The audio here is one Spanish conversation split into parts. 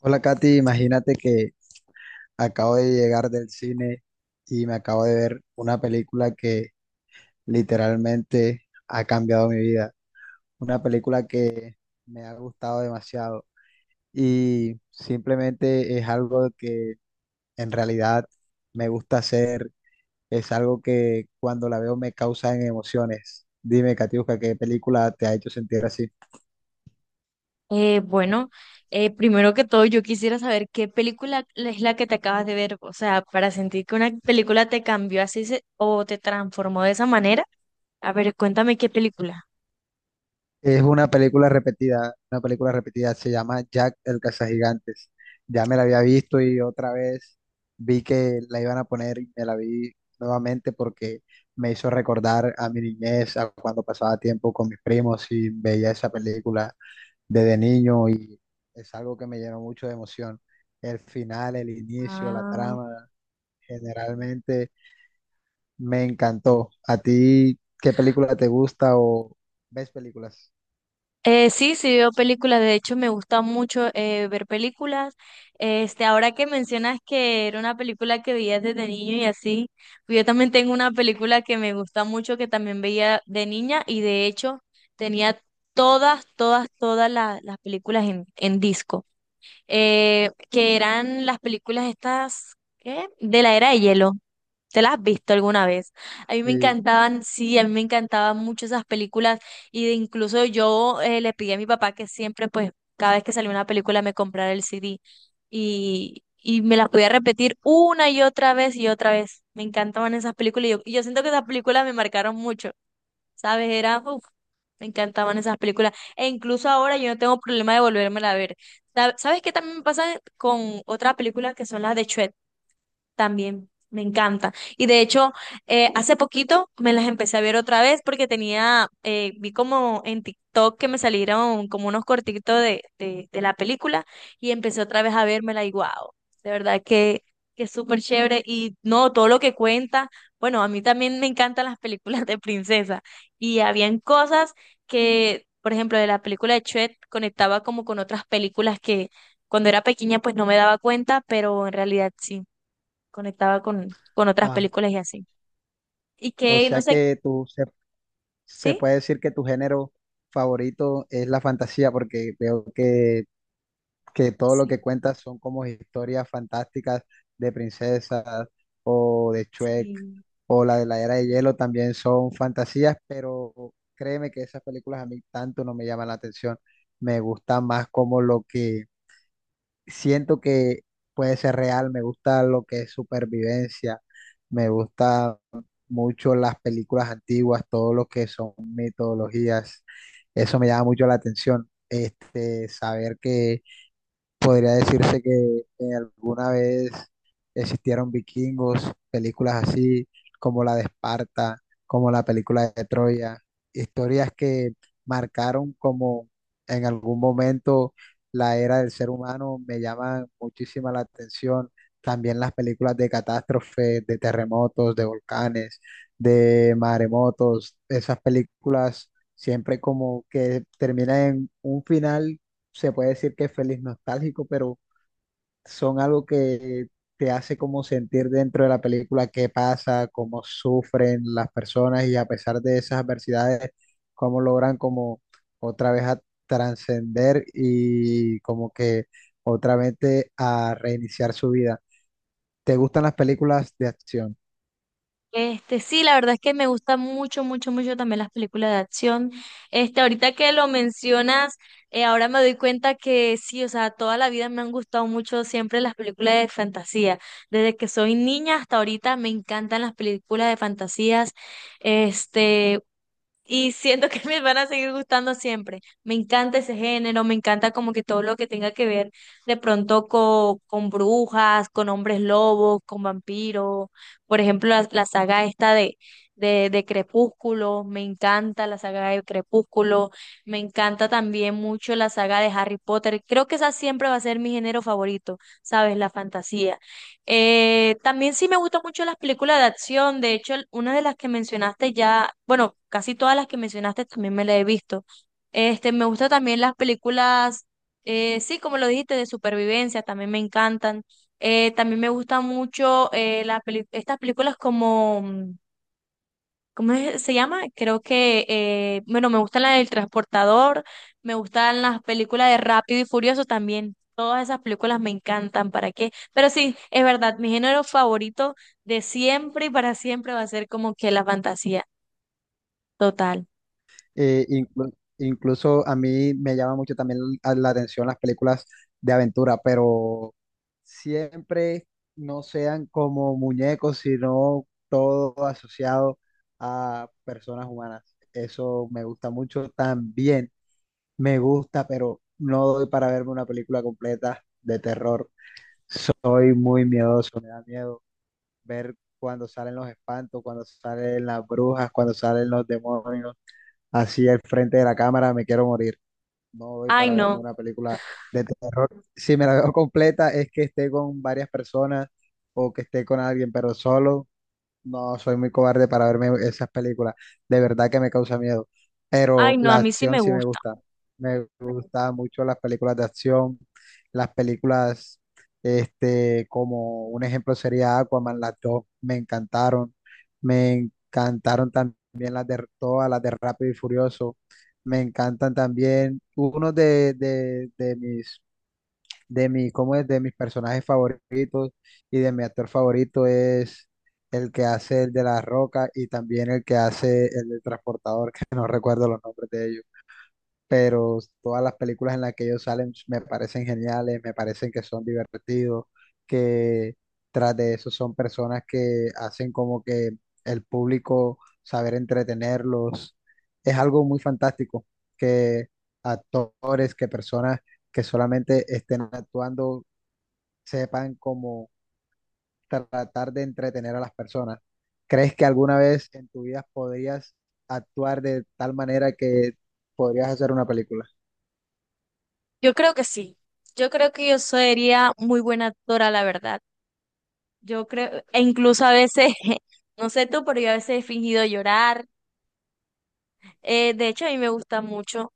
Hola Katy, imagínate que acabo de llegar del cine y me acabo de ver una película que literalmente ha cambiado mi vida, una película que me ha gustado demasiado y simplemente es algo que en realidad me gusta hacer, es algo que cuando la veo me causa emociones. Dime, Katiuska, ¿qué película te ha hecho sentir así? Eh, bueno, primero que todo, yo quisiera saber qué película es la que te acabas de ver, o sea, para sentir que una película te cambió así o te transformó de esa manera. A ver, cuéntame qué película. Es una película repetida, se llama Jack el Cazagigantes. Ya me la había visto y otra vez vi que la iban a poner y me la vi nuevamente porque me hizo recordar a mi niñez, a cuando pasaba tiempo con mis primos y veía esa película desde niño y es algo que me llenó mucho de emoción. El final, el inicio, la Ah. trama, generalmente me encantó. ¿A ti qué película te gusta o ves películas? Sí, sí veo películas, de hecho me gusta mucho ver películas. Ahora que mencionas que era una película que veías desde niño y así, pues yo también tengo una película que me gusta mucho que también veía de niña y de hecho tenía todas las películas en disco, que eran las películas estas, ¿qué? De la Era de Hielo. ¿Te las has visto alguna vez? A mí me Sí. encantaban, sí, a mí me encantaban mucho esas películas y de incluso yo le pedí a mi papá que siempre, pues, cada vez que salía una película me comprara el CD y me las podía repetir una y otra vez y otra vez. Me encantaban esas películas y yo siento que esas películas me marcaron mucho, ¿sabes? Era, uf, me encantaban esas películas e incluso ahora yo no tengo problema de volvérmela a ver. ¿Sabes qué también me pasa con otras películas que son las de Shrek? También, me encanta. Y de hecho, hace poquito me las empecé a ver otra vez porque tenía, vi como en TikTok que me salieron como unos cortitos de la película y empecé otra vez a vérmela y wow, de verdad que es súper chévere y no, todo lo que cuenta, bueno, a mí también me encantan las películas de princesa y habían cosas que, por ejemplo, de la película de Chet conectaba como con otras películas que... Cuando era pequeña, pues no me daba cuenta, pero en realidad sí conectaba con otras películas y así. Y O que, no sea sé, que tú se, se ¿sí? puede decir que tu género favorito es la fantasía, porque veo que todo lo Sí, que cuentas son como historias fantásticas de princesas o de Shrek sí. o la de la Era de Hielo también son fantasías, pero créeme que esas películas a mí tanto no me llaman la atención. Me gusta más como lo que siento que puede ser real, me gusta lo que es supervivencia, me gusta mucho las películas antiguas, todo lo que son mitologías, eso me llama mucho la atención, este, saber que podría decirse que alguna vez existieron vikingos, películas así como la de Esparta, como la película de Troya, historias que marcaron como en algún momento la era del ser humano, me llaman muchísima la atención. También las películas de catástrofes, de terremotos, de volcanes, de maremotos, esas películas siempre como que terminan en un final se puede decir que es feliz nostálgico, pero son algo que te hace como sentir dentro de la película qué pasa, cómo sufren las personas y a pesar de esas adversidades, cómo logran como otra vez a trascender y como que a reiniciar su vida. ¿Te gustan las películas de acción? Este, sí, la verdad es que me gustan mucho, mucho, mucho también las películas de acción. Ahorita que lo mencionas, ahora me doy cuenta que sí, o sea, toda la vida me han gustado mucho siempre las películas de fantasía. Desde que soy niña hasta ahorita me encantan las películas de fantasías. Este, Y siento que me van a seguir gustando siempre. Me encanta ese género, me encanta como que todo lo que tenga que ver de pronto con, brujas, con hombres lobos, con vampiros. Por ejemplo, la saga esta de Crepúsculo, me encanta la saga de Crepúsculo. Me encanta también mucho la saga de Harry Potter. Creo que esa siempre va a ser mi género favorito, ¿sabes? La fantasía. También sí me gustan mucho las películas de acción. De hecho, una de las que mencionaste ya, bueno, casi todas las que mencionaste también me las he visto. Me gustan también las películas, sí, como lo dijiste, de supervivencia, también me encantan. También me gustan mucho las estas películas como ¿cómo se llama? Creo que, bueno, me gustan las del Transportador, me gustan las películas de Rápido y Furioso también. Todas esas películas me encantan, ¿para qué? Pero sí, es verdad, mi género favorito de siempre y para siempre va a ser como que la fantasía total. Incluso a mí me llama mucho también la atención las películas de aventura, pero siempre no sean como muñecos, sino todo asociado a personas humanas. Eso me gusta mucho también. Me gusta, pero no doy para verme una película completa de terror. Soy muy miedoso, me da miedo ver cuando salen los espantos, cuando salen las brujas, cuando salen los demonios, así al frente de la cámara, me quiero morir, no voy Ay, para verme no, una película de terror. Si me la veo completa es que esté con varias personas o que esté con alguien, pero solo. No, soy muy cobarde para verme esas películas. De verdad que me causa miedo. ay, Pero no, a la mí sí acción me sí me gusta. gusta. Me gustan mucho las películas de acción. Las películas, este, como un ejemplo sería Aquaman, las dos me encantaron. Me encantaron también las de todas, las de Rápido y Furioso. Me encantan también. Uno de mi, ¿cómo es? De mis personajes favoritos y de mi actor favorito es el que hace el de la Roca y también el que hace el del transportador, que no recuerdo los nombres de ellos, pero todas las películas en las que ellos salen me parecen geniales, me parecen que son divertidos, que tras de eso son personas que hacen como que el público saber entretenerlos. Es algo muy fantástico que actores, que personas que solamente estén actuando sepan cómo tratar de entretener a las personas. ¿Crees que alguna vez en tu vida podrías actuar de tal manera que podrías hacer una película? Yo creo que sí. Yo creo que yo sería muy buena actora, la verdad. Yo creo, e incluso a veces, no sé tú, pero yo a veces he fingido llorar. De hecho, a mí me gusta mucho.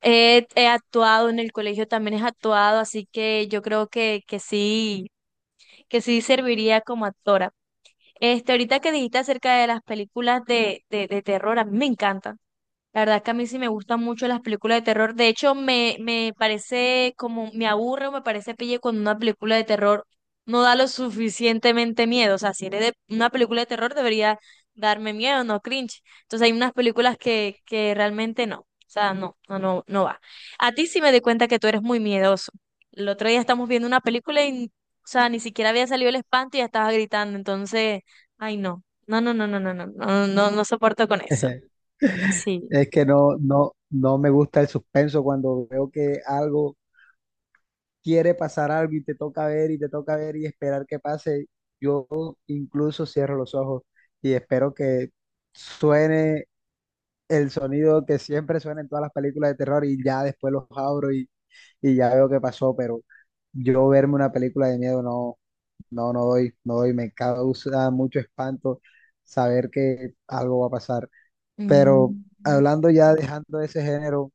He actuado en el colegio, también he actuado, así que yo creo que sí serviría como actora. Ahorita que dijiste acerca de las películas de terror, a mí me encantan. La verdad es que a mí sí me gustan mucho las películas de terror. De hecho, me parece como, me aburre o me parece pille cuando una película de terror no da lo suficientemente miedo. O sea, si eres de una película de terror debería darme miedo, no cringe. Entonces hay unas películas que realmente no. O sea, no, no, no, no va. A ti sí me di cuenta que tú eres muy miedoso. El otro día estamos viendo una película y, o sea, ni siquiera había salido el espanto y ya estabas gritando. Entonces, ay no. No, no, no, no, no, no, no, no, no soporto con eso. Sí. Es que no me gusta el suspenso cuando veo que algo quiere pasar algo y te toca ver y te toca ver y esperar que pase. Yo incluso cierro los ojos y espero que suene el sonido que siempre suena en todas las películas de terror y ya después los abro y ya veo qué pasó, pero yo verme una película de miedo no, no doy, me causa mucho espanto saber que algo va a pasar. Pero Mm. hablando ya, dejando ese género,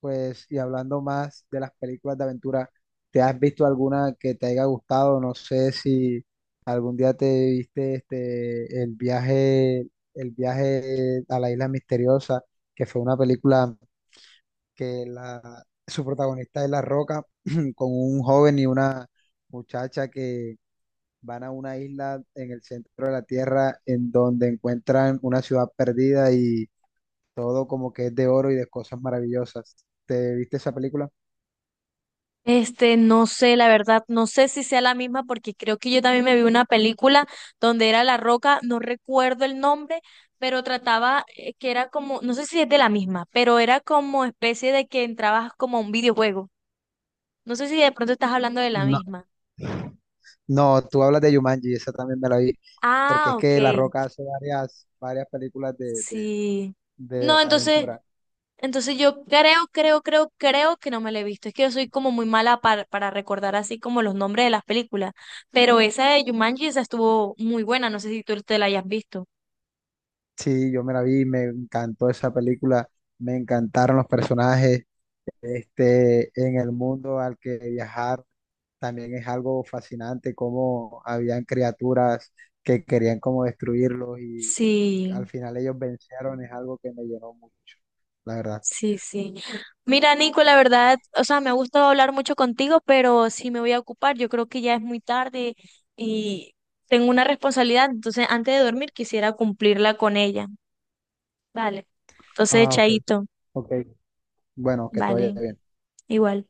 pues, y hablando más de las películas de aventura, ¿te has visto alguna que te haya gustado? No sé si algún día te viste este, el viaje a la isla misteriosa, que fue una película que la, su protagonista es La Roca, con un joven y una muchacha que van a una isla en el centro de la tierra en donde encuentran una ciudad perdida y todo como que es de oro y de cosas maravillosas. ¿Te viste esa película? No sé, la verdad, no sé si sea la misma porque creo que yo también me vi una película donde era La Roca, no recuerdo el nombre, pero trataba que era como, no sé si es de la misma, pero era como especie de que entrabas como a un videojuego. No sé si de pronto estás hablando de la No, misma. No, tú hablas de Jumanji, esa también me la vi, porque Ah, es ok, que La Roca hace varias películas sí. de No, entonces, aventura. Entonces yo creo, creo que no me la he visto. Es que yo soy como muy mala para recordar así como los nombres de las películas. Pero esa de Jumanji, esa estuvo muy buena. No sé si tú te la hayas visto. Sí, yo me la vi, me encantó esa película, me encantaron los personajes, este, en el mundo al que viajar también es algo fascinante, cómo habían criaturas que querían como destruirlos y al Sí, final ellos vencieron, es algo que me llenó mucho, la verdad. sí, sí. Mira, Nico, la verdad, o sea, me ha gustado hablar mucho contigo, pero sí me voy a ocupar. Yo creo que ya es muy tarde y tengo una responsabilidad. Entonces, antes de dormir, quisiera cumplirla con ella. Vale. Entonces, Ah, ok, chaito. ok. Bueno, que te vaya Vale, bien. igual.